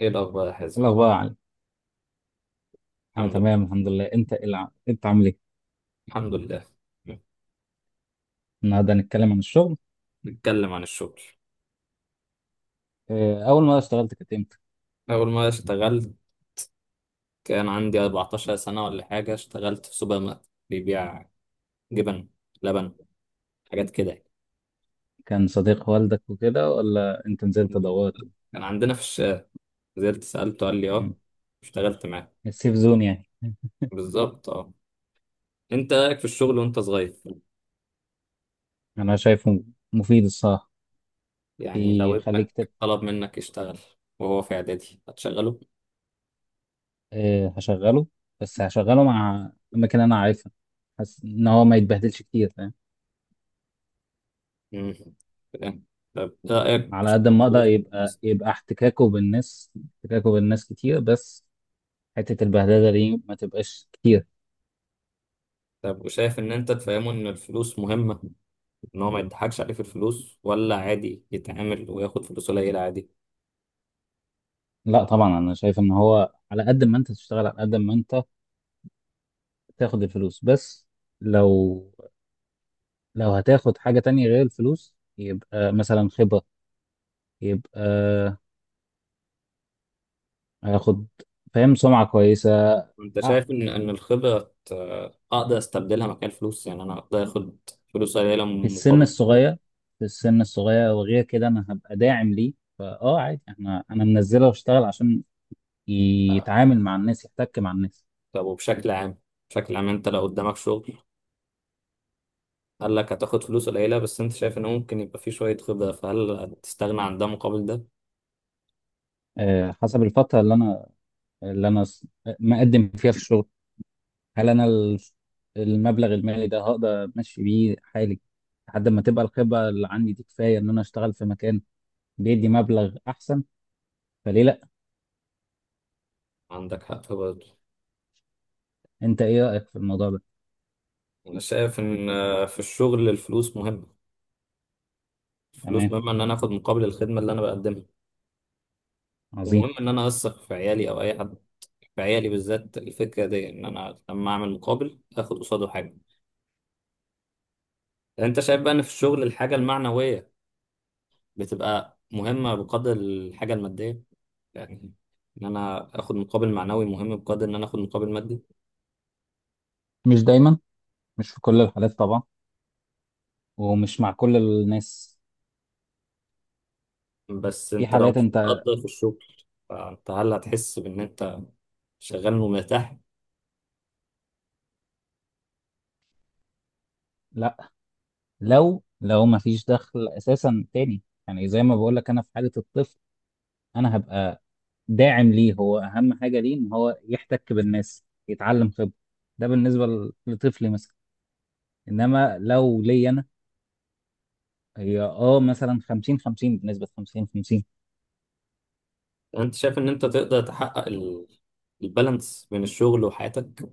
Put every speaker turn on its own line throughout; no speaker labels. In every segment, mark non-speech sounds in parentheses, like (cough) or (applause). ايه الاخبار يا حازم؟
إيه الأخبار يا علي؟ أنا
الحمد لله.
تمام الحمد لله، أنت أنت عامل إيه؟
الحمد لله.
النهاردة هنتكلم عن الشغل.
نتكلم عن الشغل.
إيه، أول مرة اشتغلت كانت إمتى؟
اول ما اشتغلت كان عندي 14 سنه ولا حاجه. اشتغلت في سوبر ماركت بيبيع جبن، لبن، حاجات كده.
كان صديق والدك وكده ولا أنت نزلت
يعني.
دورت؟
كان عندنا في الشارع. نزلت سالته قال لي
مم.
اه. اشتغلت معاه.
السيف زون يعني.
بالظبط اه. انت رايك في الشغل وانت صغير؟
أنا شايفه مفيد الصراحة،
يعني لو
بيخليك
ابنك
تت...
طلب منك يشتغل وهو في اعدادي هتشغله؟
إيه، هشغله، بس هشغله مع أماكن أنا عارفها، حاسس إن هو ما يتبهدلش كتير، فاهم؟
مم. فاهم. طب رايك في
على قد ما
الشغل
أقدر
وسط الناس؟
يبقى احتكاكه بالناس كتير، بس حتة البهدلة دي ما تبقاش كتير.
طب وشايف ان انت تفهمه ان الفلوس مهمه، ان هو ما يضحكش عليه في الفلوس ولا عادي يتعامل وياخد فلوس قليله عادي؟
لا طبعا انا شايف ان هو على قد ما انت تشتغل على قد ما انت تاخد الفلوس، بس لو لو هتاخد حاجة تانية غير الفلوس يبقى مثلا خبرة، يبقى هاخد، فاهم، سمعة كويسة.
انت
آه،
شايف ان الخبره، اقدر استبدلها مكان الفلوس؟ يعني انا اقدر اخد فلوس قليله
في السن
مقابل خبره؟
الصغير، في السن الصغير وغير كده انا هبقى داعم ليه. فاه، عادي احنا، انا منزله واشتغل عشان يتعامل مع الناس، يحتك مع الناس.
طب وبشكل عام، بشكل عام انت لو قدامك شغل قال لك هتاخد فلوس قليله بس انت شايف ان ممكن يبقى فيه شويه خبره، فهل تستغنى عن ده مقابل ده؟
آه، حسب الفترة اللي انا اللي انا س- مقدم فيها في الشغل، هل المبلغ المالي ده هقدر امشي بيه حالي لحد ما تبقى الخبره اللي عندي دي كفايه ان انا اشتغل في مكان بيدي مبلغ احسن، فليه لا؟
عندك حق برضه.
انت ايه رايك في الموضوع ده؟
انا شايف ان، في الشغل الفلوس مهمه الفلوس
تمام.
مهمه ان انا اخد مقابل الخدمه اللي انا بقدمها.
عظيم.
ومهم ان انا اثق في عيالي او اي حد، في عيالي بالذات، الفكرة دي إن أنا لما أعمل مقابل آخد قصاده حاجة. يعني أنت شايف بقى إن في الشغل الحاجة المعنوية بتبقى مهمة بقدر الحاجة المادية؟ يعني إن أنا آخد مقابل معنوي مهم بقدر إن أنا آخد مقابل مادي؟
مش دايما، مش في كل الحالات طبعا، ومش مع كل الناس.
بس
في
أنت لو
حالات
مش
انت...
متقدر في الشغل، فأنت هل هتحس بإن أنت شغال ومرتاح؟
لا، لو ما فيش دخل اساسا تاني، يعني زي ما بقول لك، انا في حاله الطفل انا هبقى داعم ليه، هو اهم حاجه ليه ان هو يحتك بالناس يتعلم خبره، ده بالنسبه لطفلي مثلا. انما لو ليا انا، هي مثلا 50 50، بنسبه 50 50.
يعني أنت شايف إن أنت تقدر تحقق البالانس بين الشغل وحياتك؟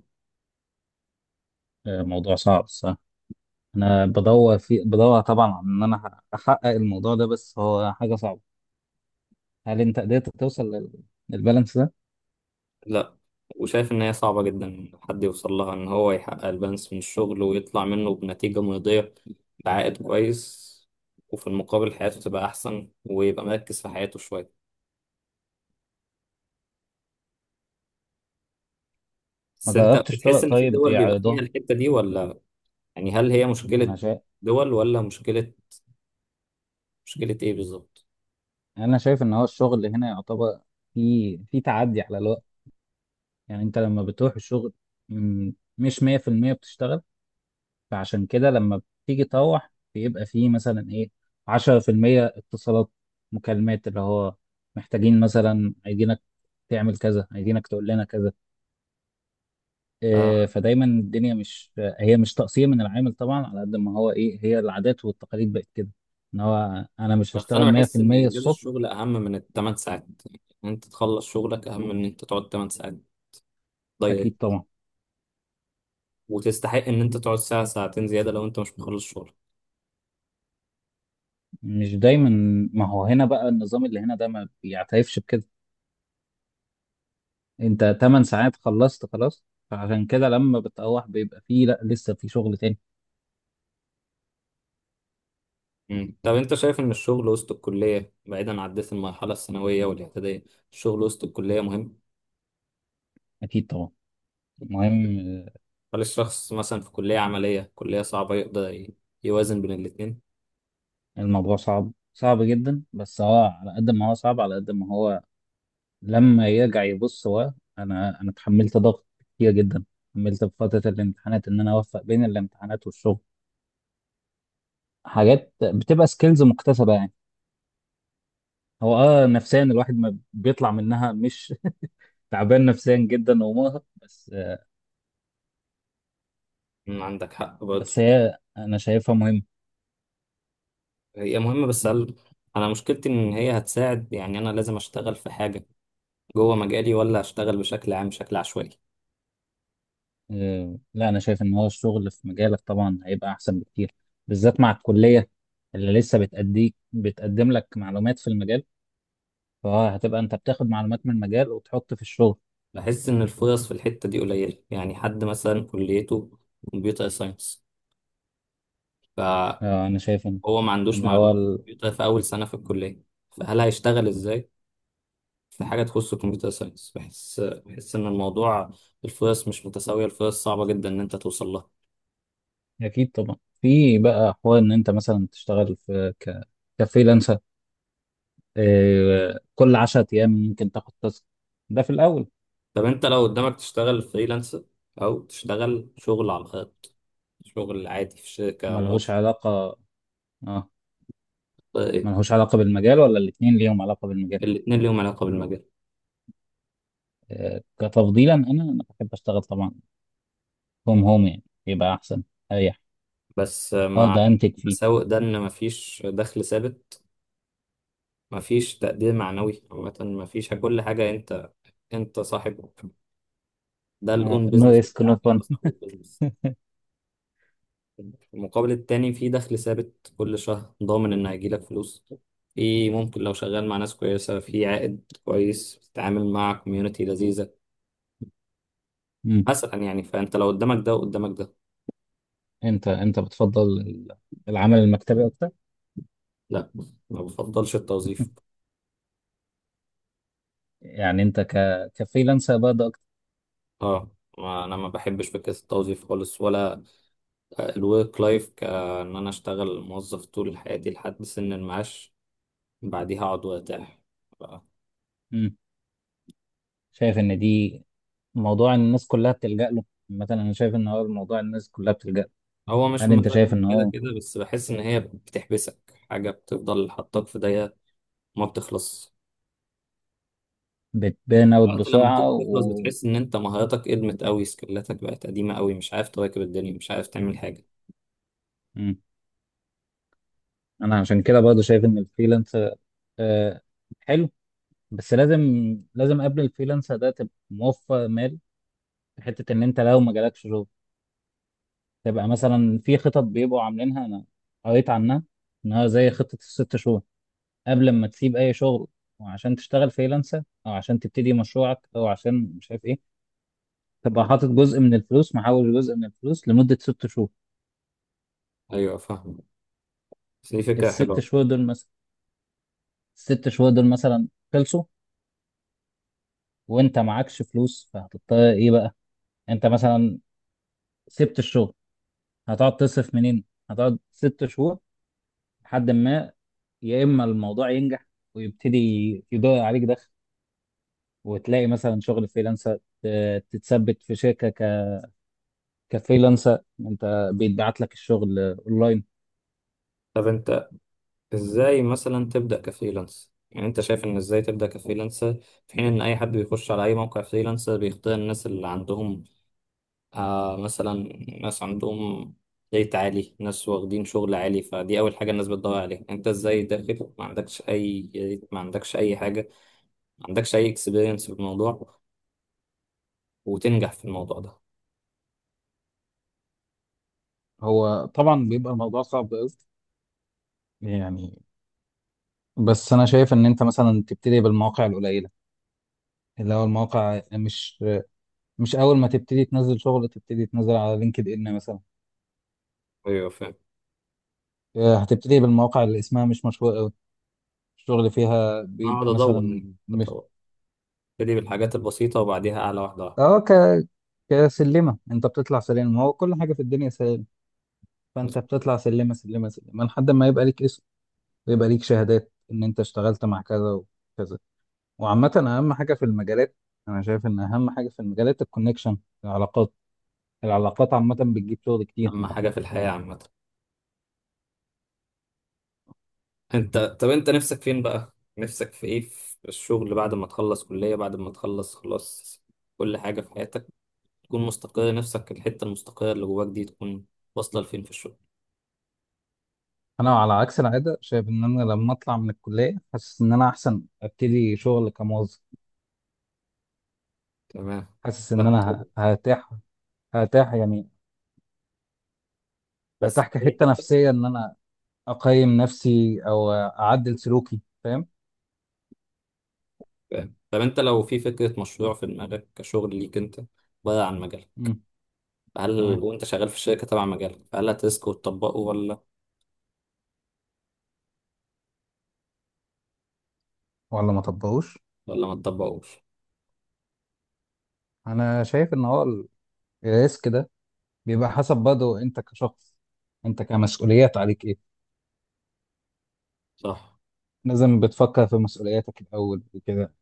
آه، موضوع صعب الصراحه. انا بدور بدور طبعا على ان انا احقق الموضوع ده، بس هو حاجه صعبه. هل انت قدرت توصل للبالانس ده؟
لا. وشايف إن هي صعبة جدا إن حد يوصل لها، إن هو يحقق البالانس من الشغل ويطلع منه بنتيجة مرضية، بعائد كويس، وفي المقابل حياته تبقى أحسن ويبقى مركز في حياته شوية.
ما
بس أنت
جربتش طرق
بتحس إن في
طيب
دول بيبقى فيها
يعرضها.
الحتة دي ولا؟ يعني هل هي مشكلة
انا شايف...
دول ولا مشكلة؟ مشكلة إيه بالظبط؟
ان هو الشغل هنا يعتبر في تعدي على الوقت. يعني انت لما بتروح الشغل، م- مش 100% بتشتغل، فعشان كده لما بتيجي تروح بيبقى فيه مثلا ايه، 10% اتصالات، مكالمات، اللي هو محتاجين مثلا، عايزينك تعمل كذا، عايزينك تقول لنا كذا. إيه،
آه.
فدايما الدنيا مش... هي مش تقصير من العامل طبعا، على قد ما هو ايه، هي العادات والتقاليد بقت كده، ان هو انا مش
بس
هشتغل
أنا بحس إن
100%
إنجاز
الصبح.
الشغل أهم من الثمان ساعات، إن أنت تخلص شغلك أهم من إن أنت تقعد 8 ساعات
اكيد
ضيق،
طبعا.
وتستحق إن أنت تقعد ساعة ساعتين زيادة لو أنت مش مخلص شغل.
مش دايما. ما هو هنا بقى النظام اللي هنا ده ما بيعترفش بكده، انت 8 ساعات خلصت خلاص، فعشان كده لما بتروح بيبقى فيه، لا، لسه في شغل تاني.
مم. طب انت شايف ان الشغل وسط الكلية، بعيدا عن عدت المرحلة الثانوية والاعدادية، الشغل وسط الكلية مهم؟
أكيد طبعا. المهم
هل الشخص مثلا في كلية عملية كلية صعبة يقدر يوازن بين الاتنين؟
الموضوع صعب، صعب جدا، بس هو على قد ما هو صعب على قد ما هو لما يرجع يبص هو... أنا اتحملت ضغط كتير جدا، اتحملت في فترة الامتحانات إن أنا أوفق بين الامتحانات والشغل، حاجات بتبقى سكيلز مكتسبة يعني. هو نفسيا الواحد ما بيطلع منها، مش (laughs) تعبان نفسيا جدا ومرهق، بس آه.
مم، عندك حق برضه.
بس هي أنا شايفها مهمة.
هي مهمة بس هل، انا مشكلتي ان هي هتساعد، يعني انا لازم اشتغل في حاجة جوه مجالي ولا اشتغل بشكل عام بشكل عشوائي؟
آه، لا انا شايف ان هو الشغل في مجالك طبعا هيبقى احسن بكتير، بالذات مع الكليه اللي لسه بتأديك بتقدم لك معلومات في المجال، فهتبقى انت بتاخد معلومات من المجال وتحط في الشغل.
بحس ان الفرص في الحتة دي قليلة. يعني حد مثلا كليته كمبيوتر ساينس فهو
آه، انا شايف ان
ما عندوش
ان
معلومة كمبيوتر في اول سنة في الكلية، فهل هيشتغل ازاي في حاجة تخص الكمبيوتر ساينس؟ بحس إن الموضوع الفرص مش متساوية، الفرص صعبة جدا إن أنت توصل لها.
اكيد طبعا في بقى حوار ان انت مثلا تشتغل في كفريلانسر. آه، كل 10 ايام ممكن تاخد تاسك، ده في الاول.
طب أنت لو قدامك تشتغل فريلانس أو تشتغل شغل على الخط شغل عادي في شركة
ملهوش
موظف،
علاقه. اه،
إيه؟
ملهوش علاقه بالمجال ولا الاتنين ليهم علاقه بالمجال؟
الاتنين ليهم علاقة بالمجال.
آه، كتفضيلا انا بحب اشتغل طبعا، هوم هوم يعني يبقى احسن، اريح.
بس
اه،
مع
ده انتك فيه.
المساوئ ده إن مفيش دخل ثابت، مفيش تقدير معنوي، عامة مفيش كل حاجة، أنت أنت صاحبه، ده الأون
نو
بيزنس
ريسك نو
بتاعك،
فن.
أنت صاحب البيزنس. المقابل التاني في دخل ثابت كل شهر، ضامن إن هيجيلك فلوس، في ممكن لو شغال مع ناس كويسة في عائد كويس، بتتعامل مع كوميونتي لذيذة مثلا. يعني فأنت لو قدامك ده وقدامك ده؟
انت بتفضل العمل المكتبي اكتر؟
لا، ما بفضلش التوظيف.
(laughs) يعني انت كفريلانسر برضه اكتر؟
اه، ما أنا ما بحبش فكرة التوظيف خالص، ولا الورك لايف كأن أنا أشتغل موظف طول حياتي لحد سن المعاش بعديها أقعد وأرتاح. ف-
مم. شايف ان دي موضوع إن الناس كلها بتلجأ له، مثلا انا شايف ان هو موضوع الناس كلها بتلجأ له.
هو مش في
هل انت شايف
مزاجهم
ان
كده
هو
كده بس بحس إن هي بتحبسك، حاجة بتفضل حطاك في دايرة ما بتخلص.
بتبان اوت
وقت لما
بسرعه
تيجي
و...
تخلص بتحس ان انت مهاراتك قدمت قوي، سكيلاتك بقت قديمة قوي، مش عارف تواكب الدنيا، مش عارف تعمل حاجة.
مم. انا عشان كده برضه شايف ان الفريلانسر آه حلو، بس لازم، لازم قبل الفريلانسر ده تبقى موفر مال، في حته ان انت لو ما جالكش شغل تبقى مثلا في خطط بيبقوا عاملينها، انا قريت عنها، انها زي خطة الست شهور قبل ما تسيب اي شغل، وعشان تشتغل فريلانسر او عشان تبتدي مشروعك او عشان مش عارف ايه، تبقى حاطط جزء من الفلوس، محول جزء من الفلوس لمدة 6 شهور.
ايوه فاهم. بس دي فكرة
الست
حلوة.
شهور دول مثلا، الست شهور دول مثلا خلصوا وانت معكش فلوس، فهتضطر ايه بقى؟ انت مثلا سبت الشغل، هتقعد تصرف منين؟ هتقعد 6 شهور لحد ما، يا اما الموضوع ينجح ويبتدي يدور عليك دخل، وتلاقي مثلا شغل فريلانسر، تتثبت في شركه كفريلانسر، انت بيتبعت لك الشغل اونلاين.
طب انت ازاي مثلا تبدأ كفريلانس؟ يعني انت شايف ان ازاي تبدأ كفريلانسر في حين ان اي حد بيخش على اي موقع فريلانسر بيختار الناس اللي عندهم، آه، مثلا ناس عندهم ريت عالي، ناس واخدين شغل عالي، فدي اول حاجة الناس بتدور عليها؟ انت ازاي داخل ما عندكش اي ريت، ما عندكش اي حاجة، ما عندكش اي اكسبيرينس في الموضوع، وتنجح في الموضوع ده؟
هو طبعا بيبقى الموضوع صعب قوي يعني، بس انا شايف ان انت مثلا تبتدي بالمواقع القليله، اللي هو المواقع مش... مش اول ما تبتدي تنزل شغل تبتدي تنزل على لينكد ان مثلا.
ايوه فاهم.
آه، هتبتدي بالمواقع اللي اسمها مش مشهوره قوي، الشغل فيها
هقعد
بيبقى
ادور
مثلا
يعني.
مش...
ادور ابتدي بالحاجات البسيطه وبعديها اعلى واحده واحده.
اه، كسلمه، انت بتطلع سلم، هو كل حاجه في الدنيا سلم، فانت بتطلع سلمه سلمه سلمه لحد ما يبقى ليك اسم، ويبقى ليك شهادات ان انت اشتغلت مع كذا وكذا. وعامه اهم حاجه في المجالات، انا شايف ان اهم حاجه في المجالات الكونكشن، العلاقات، العلاقات عامه بتجيب شغل كتير.
اهم حاجه في الحياه عامه. طب انت نفسك فين بقى، نفسك في ايه في الشغل بعد ما تخلص كليه، بعد ما تخلص خلاص كل حاجه في حياتك، تكون مستقر، نفسك الحته المستقره اللي جواك دي تكون واصله لفين في الشغل؟
انا على عكس العاده شايف ان انا لما اطلع من الكليه حاسس ان انا احسن ابتدي شغل كموظف.
تمام.
حاسس ان
باخد خبرة.
انا هرتاح، هرتاح يعني،
بس
هرتاح
في اي
كحته
حته؟
نفسيه، ان انا اقيم نفسي او اعدل سلوكي، فاهم؟
فاهم. طب انت لو في فكره مشروع في دماغك كشغل ليك انت بره عن مجالك،
امم
هل
تمام.
وانت شغال في الشركه تبع مجالك هل هتسكت وتطبقه ولا؟
ولا ما طبقوش.
ولا ما تطبقوش؟
انا شايف ان هو الريسك ده بيبقى حسب برضه انت كشخص، انت كمسؤوليات عليك ايه.
صح.
لازم بتفكر في مسؤولياتك الاول وكده.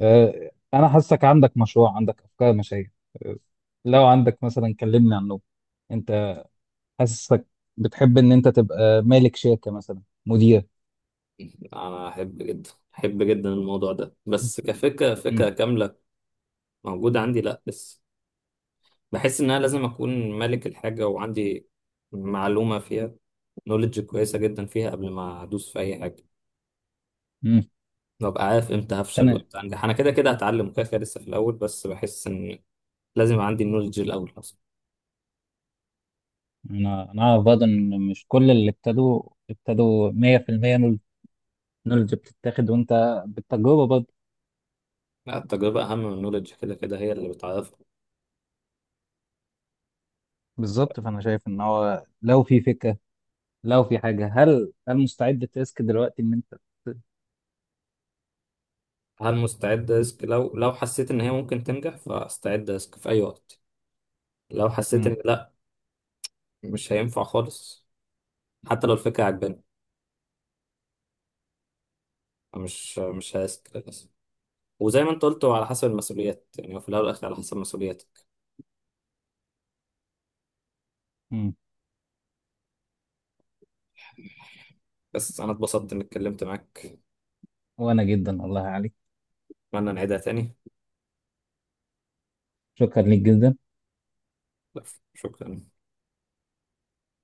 آه، انا حاسك عندك مشروع، عندك افكار مشاريع. آه، لو عندك مثلا كلمني عنه. انت حاسسك بتحب ان انت تبقى مالك شركة مثلا، مدير؟
انا احب جدا، احب جدا الموضوع ده بس كفكره، فكره
مم.
كامله موجوده عندي لا، بس بحس ان انا لازم اكون مالك الحاجه وعندي معلومه فيها، نولج كويسه جدا فيها قبل ما ادوس في اي حاجه.
مم.
ببقى عارف امتى
بس
هفشل وامتى انجح. انا كده كده هتعلم وكده كده لسه في الاول، بس بحس ان لازم يبقى عندي النولج الاول اصلا.
انا اعرف برضه ان مش كل اللي ابتدوا 100% نولج، نولج بتتاخد وانت بالتجربه برضه.
لا، التجربه اهم من النولج كده كده هي اللي بتعرفك.
بالظبط، فانا شايف ان هو لو في فكرة، لو في حاجة، هل مستعد تسك دلوقتي ان انت...
هل مستعد ريسك؟ لو حسيت ان هي ممكن تنجح فاستعد ريسك في اي وقت. لو حسيت
مم.
ان لا، مش هينفع خالص، حتى لو الفكرة عجباني مش هيسك للأسف. وزي ما انت قلت هو على حسب المسؤوليات. يعني هو في الأول والآخر على حسب مسؤولياتك.
مم.
بس أنا اتبسطت إني اتكلمت معاك.
وانا جدا والله عليك.
أتمنى نعيدها تاني.
شكرا ليك جدا.
شكرا.